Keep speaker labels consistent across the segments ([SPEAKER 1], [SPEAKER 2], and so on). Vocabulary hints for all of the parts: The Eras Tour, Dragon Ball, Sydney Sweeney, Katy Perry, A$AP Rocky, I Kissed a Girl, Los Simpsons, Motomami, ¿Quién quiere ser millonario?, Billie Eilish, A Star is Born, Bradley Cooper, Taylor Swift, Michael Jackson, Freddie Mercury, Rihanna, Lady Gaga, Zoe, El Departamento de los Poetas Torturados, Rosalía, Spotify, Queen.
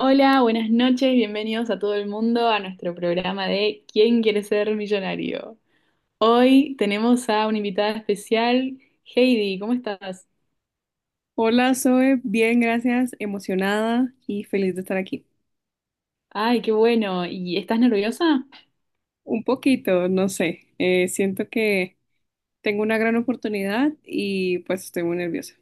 [SPEAKER 1] Hola, buenas noches, bienvenidos a todo el mundo a nuestro programa de ¿Quién quiere ser millonario? Hoy tenemos a una invitada especial, Heidi, ¿cómo estás?
[SPEAKER 2] Hola, Zoe. Bien, gracias. Emocionada y feliz de estar aquí.
[SPEAKER 1] Ay, qué bueno. ¿Y estás nerviosa?
[SPEAKER 2] Un poquito, no sé. Siento que tengo una gran oportunidad y pues estoy muy nerviosa.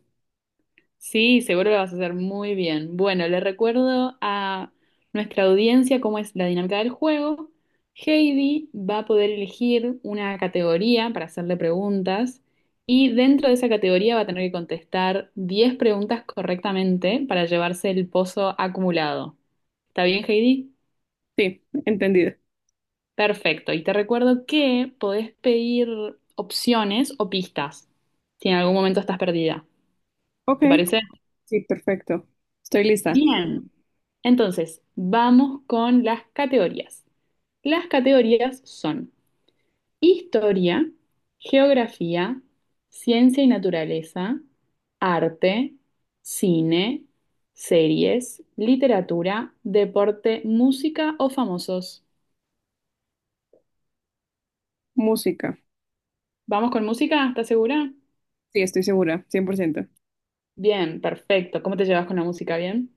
[SPEAKER 1] Sí, seguro lo vas a hacer muy bien. Bueno, le recuerdo a nuestra audiencia cómo es la dinámica del juego. Heidi va a poder elegir una categoría para hacerle preguntas y dentro de esa categoría va a tener que contestar 10 preguntas correctamente para llevarse el pozo acumulado. ¿Está bien, Heidi?
[SPEAKER 2] Sí, entendido.
[SPEAKER 1] Perfecto. Y te recuerdo que podés pedir opciones o pistas si en algún momento estás perdida.
[SPEAKER 2] Ok.
[SPEAKER 1] ¿Te parece?
[SPEAKER 2] Sí, perfecto. Estoy lista.
[SPEAKER 1] Bien, entonces vamos con las categorías. Las categorías son historia, geografía, ciencia y naturaleza, arte, cine, series, literatura, deporte, música o famosos.
[SPEAKER 2] Música.
[SPEAKER 1] ¿Vamos con música? ¿Estás segura?
[SPEAKER 2] Sí, estoy segura, 100%.
[SPEAKER 1] Bien, perfecto. ¿Cómo te llevas con la música? ¿Bien?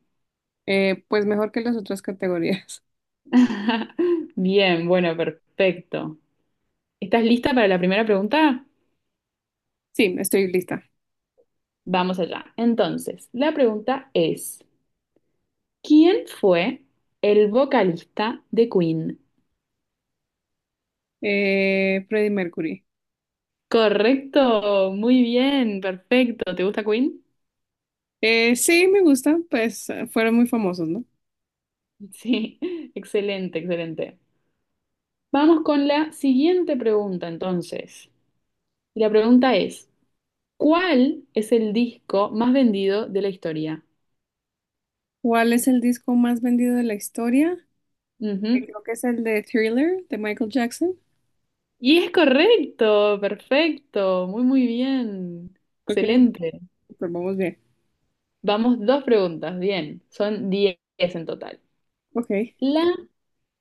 [SPEAKER 2] Pues mejor que las otras categorías.
[SPEAKER 1] Bien, bueno, perfecto. ¿Estás lista para la primera pregunta?
[SPEAKER 2] Sí, estoy lista.
[SPEAKER 1] Vamos allá. Entonces, la pregunta es, ¿quién fue el vocalista de Queen?
[SPEAKER 2] Freddie Mercury.
[SPEAKER 1] Correcto, muy bien, perfecto. ¿Te gusta Queen?
[SPEAKER 2] Sí, me gusta. Pues fueron muy famosos, ¿no?
[SPEAKER 1] Sí, excelente, excelente. Vamos con la siguiente pregunta entonces. Y la pregunta es, ¿cuál es el disco más vendido de la historia?
[SPEAKER 2] ¿Cuál es el disco más vendido de la historia?
[SPEAKER 1] Ujú.
[SPEAKER 2] Creo que es el de Thriller de Michael Jackson.
[SPEAKER 1] Y es correcto, perfecto, muy, muy bien,
[SPEAKER 2] Ok,
[SPEAKER 1] excelente.
[SPEAKER 2] pues vamos bien.
[SPEAKER 1] Vamos dos preguntas, bien, son 10 en total.
[SPEAKER 2] Ok.
[SPEAKER 1] La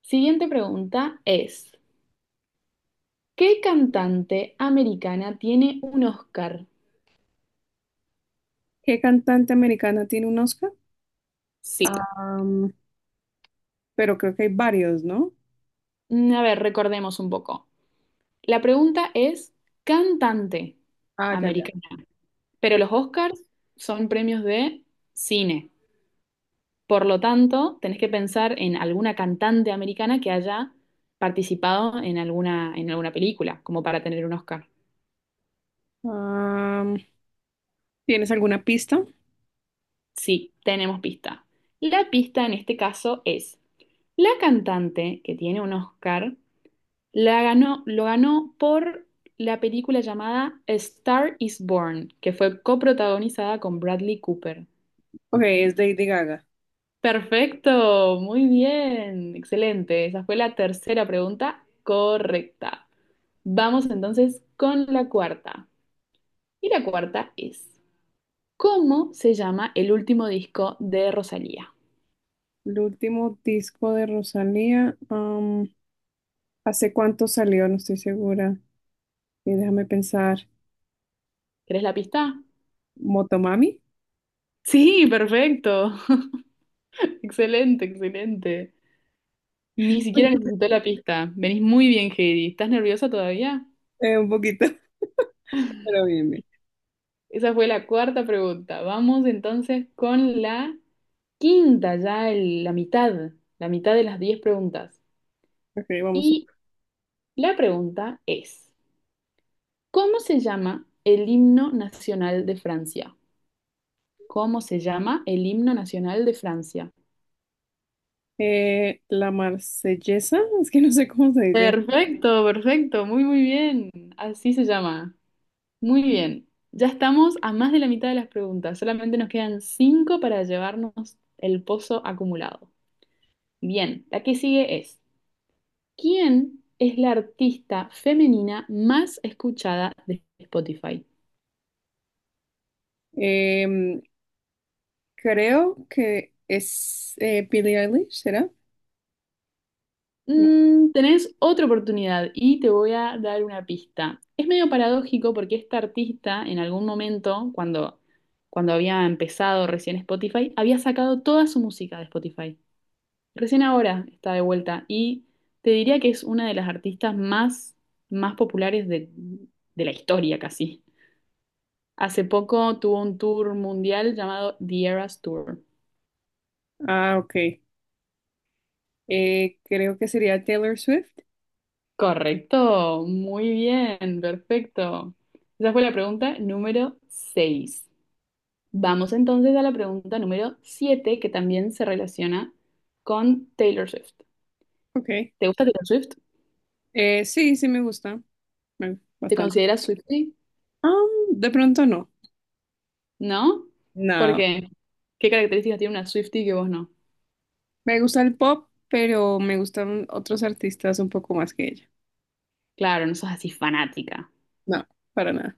[SPEAKER 1] siguiente pregunta es, ¿qué cantante americana tiene un Oscar?
[SPEAKER 2] ¿Qué cantante americana tiene un Oscar?
[SPEAKER 1] Sí.
[SPEAKER 2] Am, pero creo que hay varios, ¿no?
[SPEAKER 1] Mm, a ver, recordemos un poco. La pregunta es, cantante
[SPEAKER 2] Ah, ya, ya.
[SPEAKER 1] americana, pero
[SPEAKER 2] Cre-
[SPEAKER 1] los Oscars son premios de cine. Por lo tanto, tenés que pensar en alguna cantante americana que haya participado en alguna película, como para tener un Oscar.
[SPEAKER 2] Am, ¿tienes alguna pista?
[SPEAKER 1] Sí, tenemos pista. La pista en este caso es, la cantante que tiene un Oscar la ganó, lo ganó por la película llamada A Star is Born, que fue coprotagonizada con Bradley Cooper.
[SPEAKER 2] Ok, es Lady Gaga.
[SPEAKER 1] Perfecto, muy bien, excelente. Esa fue la tercera pregunta correcta. Vamos entonces con la cuarta. Y la cuarta es, ¿cómo se llama el último disco de Rosalía?
[SPEAKER 2] El último disco de Rosalía. ¿Hace cuánto salió? No estoy segura. Déjame pensar.
[SPEAKER 1] ¿Querés la pista?
[SPEAKER 2] ¿Motomami?
[SPEAKER 1] Sí, perfecto. Excelente, excelente. Ni siquiera necesité la pista. Venís muy bien, Heidi. ¿Estás nerviosa todavía?
[SPEAKER 2] Un poquito, pero bien, bien.
[SPEAKER 1] Esa fue la cuarta pregunta. Vamos entonces con la quinta, ya la mitad de las 10 preguntas.
[SPEAKER 2] Ok, vamos.
[SPEAKER 1] Y la pregunta es, ¿cómo se llama el himno nacional de Francia? ¿Cómo se llama el himno nacional de Francia?
[SPEAKER 2] La Marsellesa, es que no sé cómo se dice.
[SPEAKER 1] Perfecto, perfecto. Muy, muy bien. Así se llama. Muy bien, ya estamos a más de la mitad de las preguntas, solamente nos quedan cinco para llevarnos el pozo acumulado. Bien, la que sigue es, ¿quién es la artista femenina más escuchada de Spotify?
[SPEAKER 2] Em, creo que es Billie Eilish, ¿será? No.
[SPEAKER 1] Mm, tenés otra oportunidad y te voy a dar una pista. Es medio paradójico porque esta artista en algún momento, cuando, cuando había empezado recién Spotify, había sacado toda su música de Spotify. Recién ahora está de vuelta y te diría que es una de las artistas más, más populares de la historia casi. Hace poco tuvo un tour mundial llamado The Eras Tour.
[SPEAKER 2] Ah, ok. Creo que sería Taylor Swift.
[SPEAKER 1] Correcto, muy bien, perfecto. Esa fue la pregunta número 6. Vamos entonces a la pregunta número 7 que también se relaciona con Taylor Swift.
[SPEAKER 2] Ok.
[SPEAKER 1] ¿Te gusta Taylor Swift?
[SPEAKER 2] Sí, sí me gusta.
[SPEAKER 1] ¿Te
[SPEAKER 2] Bastante.
[SPEAKER 1] consideras Swiftie?
[SPEAKER 2] De pronto no.
[SPEAKER 1] ¿No? ¿Por
[SPEAKER 2] No.
[SPEAKER 1] qué? ¿Qué características tiene una Swiftie que vos no?
[SPEAKER 2] Me gusta el pop, pero me gustan otros artistas un poco más que ella.
[SPEAKER 1] Claro, no sos así fanática.
[SPEAKER 2] No, para nada.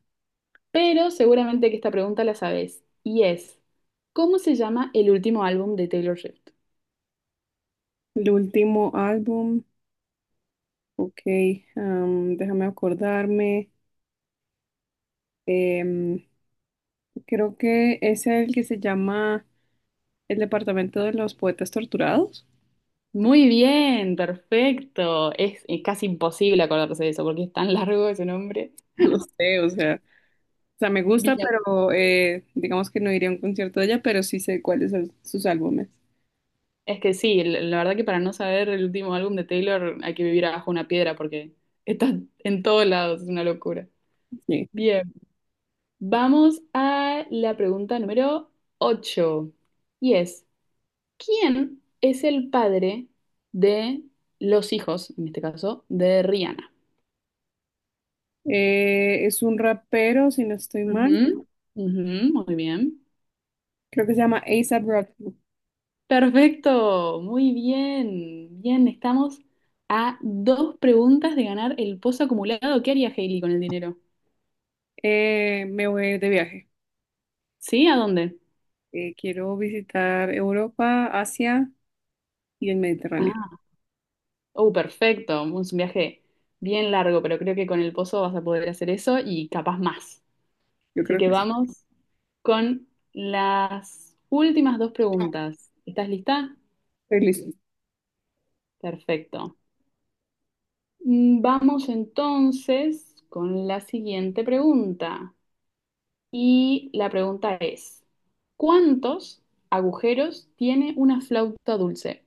[SPEAKER 1] Pero seguramente que esta pregunta la sabés. Y es, ¿cómo se llama el último álbum de Taylor Swift?
[SPEAKER 2] El último álbum. Ok. Déjame acordarme. Em, creo que es el que se llama El Departamento de los Poetas Torturados.
[SPEAKER 1] Muy bien, perfecto. Es, casi imposible acordarse de eso porque es tan largo ese nombre.
[SPEAKER 2] No sé, o sea. O sea, me gusta,
[SPEAKER 1] Bien.
[SPEAKER 2] pero digamos que no iría a un concierto de ella, pero sí sé cuáles son sus álbumes.
[SPEAKER 1] Es que sí, la verdad que para no saber el último álbum de Taylor hay que vivir abajo una piedra porque está en todos lados, es una locura.
[SPEAKER 2] Sí.
[SPEAKER 1] Bien, vamos a la pregunta número ocho. Y es, ¿quién es el padre de los hijos, en este caso, de Rihanna?
[SPEAKER 2] Es un rapero, si no estoy mal.
[SPEAKER 1] Ujú, ujú, muy bien.
[SPEAKER 2] Creo que se llama A$AP Rocky.
[SPEAKER 1] Perfecto, muy bien. Bien, estamos a dos preguntas de ganar el pozo acumulado. ¿Qué haría Hailey con el dinero?
[SPEAKER 2] Me voy de viaje.
[SPEAKER 1] ¿Sí? ¿A dónde?
[SPEAKER 2] Quiero visitar Europa, Asia y el Mediterráneo.
[SPEAKER 1] Ah, oh, perfecto. Es un viaje bien largo, pero creo que con el pozo vas a poder hacer eso y capaz más.
[SPEAKER 2] Yo
[SPEAKER 1] Así
[SPEAKER 2] creo
[SPEAKER 1] que
[SPEAKER 2] que sí.
[SPEAKER 1] vamos con las últimas dos preguntas. ¿Estás lista?
[SPEAKER 2] Estoy lista.
[SPEAKER 1] Perfecto. Mm, vamos entonces con la siguiente pregunta. Y la pregunta es, ¿cuántos agujeros tiene una flauta dulce?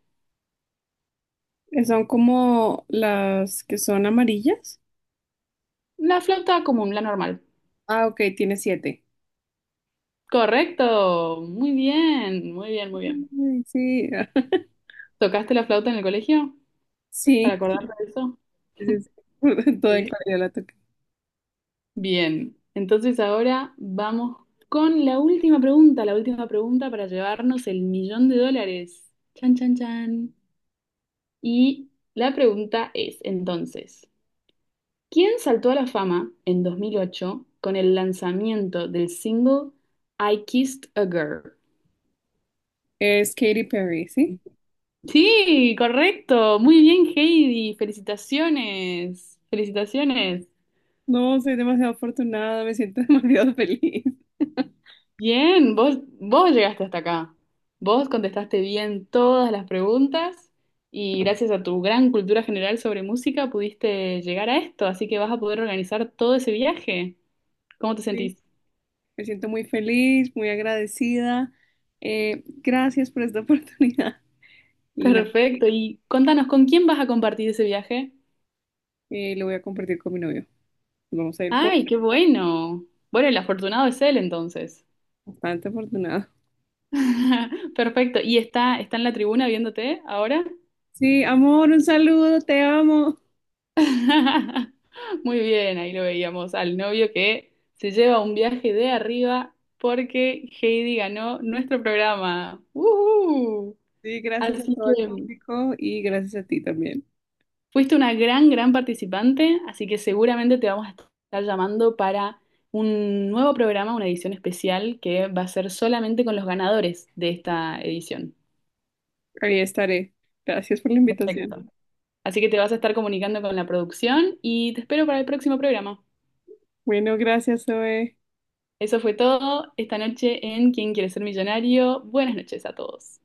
[SPEAKER 2] Son como las que son amarillas.
[SPEAKER 1] La flauta común, la normal.
[SPEAKER 2] Ah, ok, tiene siete.
[SPEAKER 1] Correcto. Muy bien, muy bien, muy bien.
[SPEAKER 2] Ay, sí,
[SPEAKER 1] ¿Tocaste la flauta en el colegio? ¿Para
[SPEAKER 2] sí,
[SPEAKER 1] acordarte de eso?
[SPEAKER 2] sí, sí. Sí. Toda en
[SPEAKER 1] Sí.
[SPEAKER 2] claridad la toqué.
[SPEAKER 1] Bien. Entonces ahora vamos con la última pregunta para llevarnos el millón de dólares. Chan, chan, chan. Y la pregunta es, entonces, ¿quién saltó a la fama en 2008 con el lanzamiento del single I Kissed a Girl?
[SPEAKER 2] Es Katy Perry, ¿sí?
[SPEAKER 1] Sí, correcto. Muy bien, Heidi. Felicitaciones. Felicitaciones.
[SPEAKER 2] No, soy demasiado afortunada, me siento demasiado feliz.
[SPEAKER 1] Bien, vos, vos llegaste hasta acá. Vos contestaste bien todas las preguntas y gracias a tu gran cultura general sobre música pudiste llegar a esto, así que vas a poder organizar todo ese viaje. ¿Cómo te
[SPEAKER 2] Sí,
[SPEAKER 1] sentís?
[SPEAKER 2] me siento muy feliz, muy agradecida. Gracias por esta oportunidad. Y nada,
[SPEAKER 1] Perfecto. Y contanos, ¿con quién vas a compartir ese viaje?
[SPEAKER 2] lo voy a compartir con mi novio. Nos vamos a ir por
[SPEAKER 1] ¡Ay, qué bueno! Bueno, el afortunado es él entonces.
[SPEAKER 2] bastante afortunado.
[SPEAKER 1] Perfecto. ¿Y está, está en la tribuna viéndote ahora?
[SPEAKER 2] Sí, amor, un saludo, te amo.
[SPEAKER 1] Muy bien, ahí lo veíamos al novio que se lleva un viaje de arriba porque Heidi ganó nuestro programa. ¡Uhú!
[SPEAKER 2] Sí, gracias a
[SPEAKER 1] Así
[SPEAKER 2] todo el
[SPEAKER 1] que
[SPEAKER 2] público y gracias a ti también.
[SPEAKER 1] fuiste una gran, gran participante, así que seguramente te vamos a estar llamando para un nuevo programa, una edición especial que va a ser solamente con los ganadores de esta edición.
[SPEAKER 2] Ahí estaré. Gracias por la invitación.
[SPEAKER 1] Perfecto. Así que te vas a estar comunicando con la producción y te espero para el próximo programa.
[SPEAKER 2] Bueno, gracias, Zoe.
[SPEAKER 1] Eso fue todo esta noche en ¿Quién quiere ser millonario? Buenas noches a todos.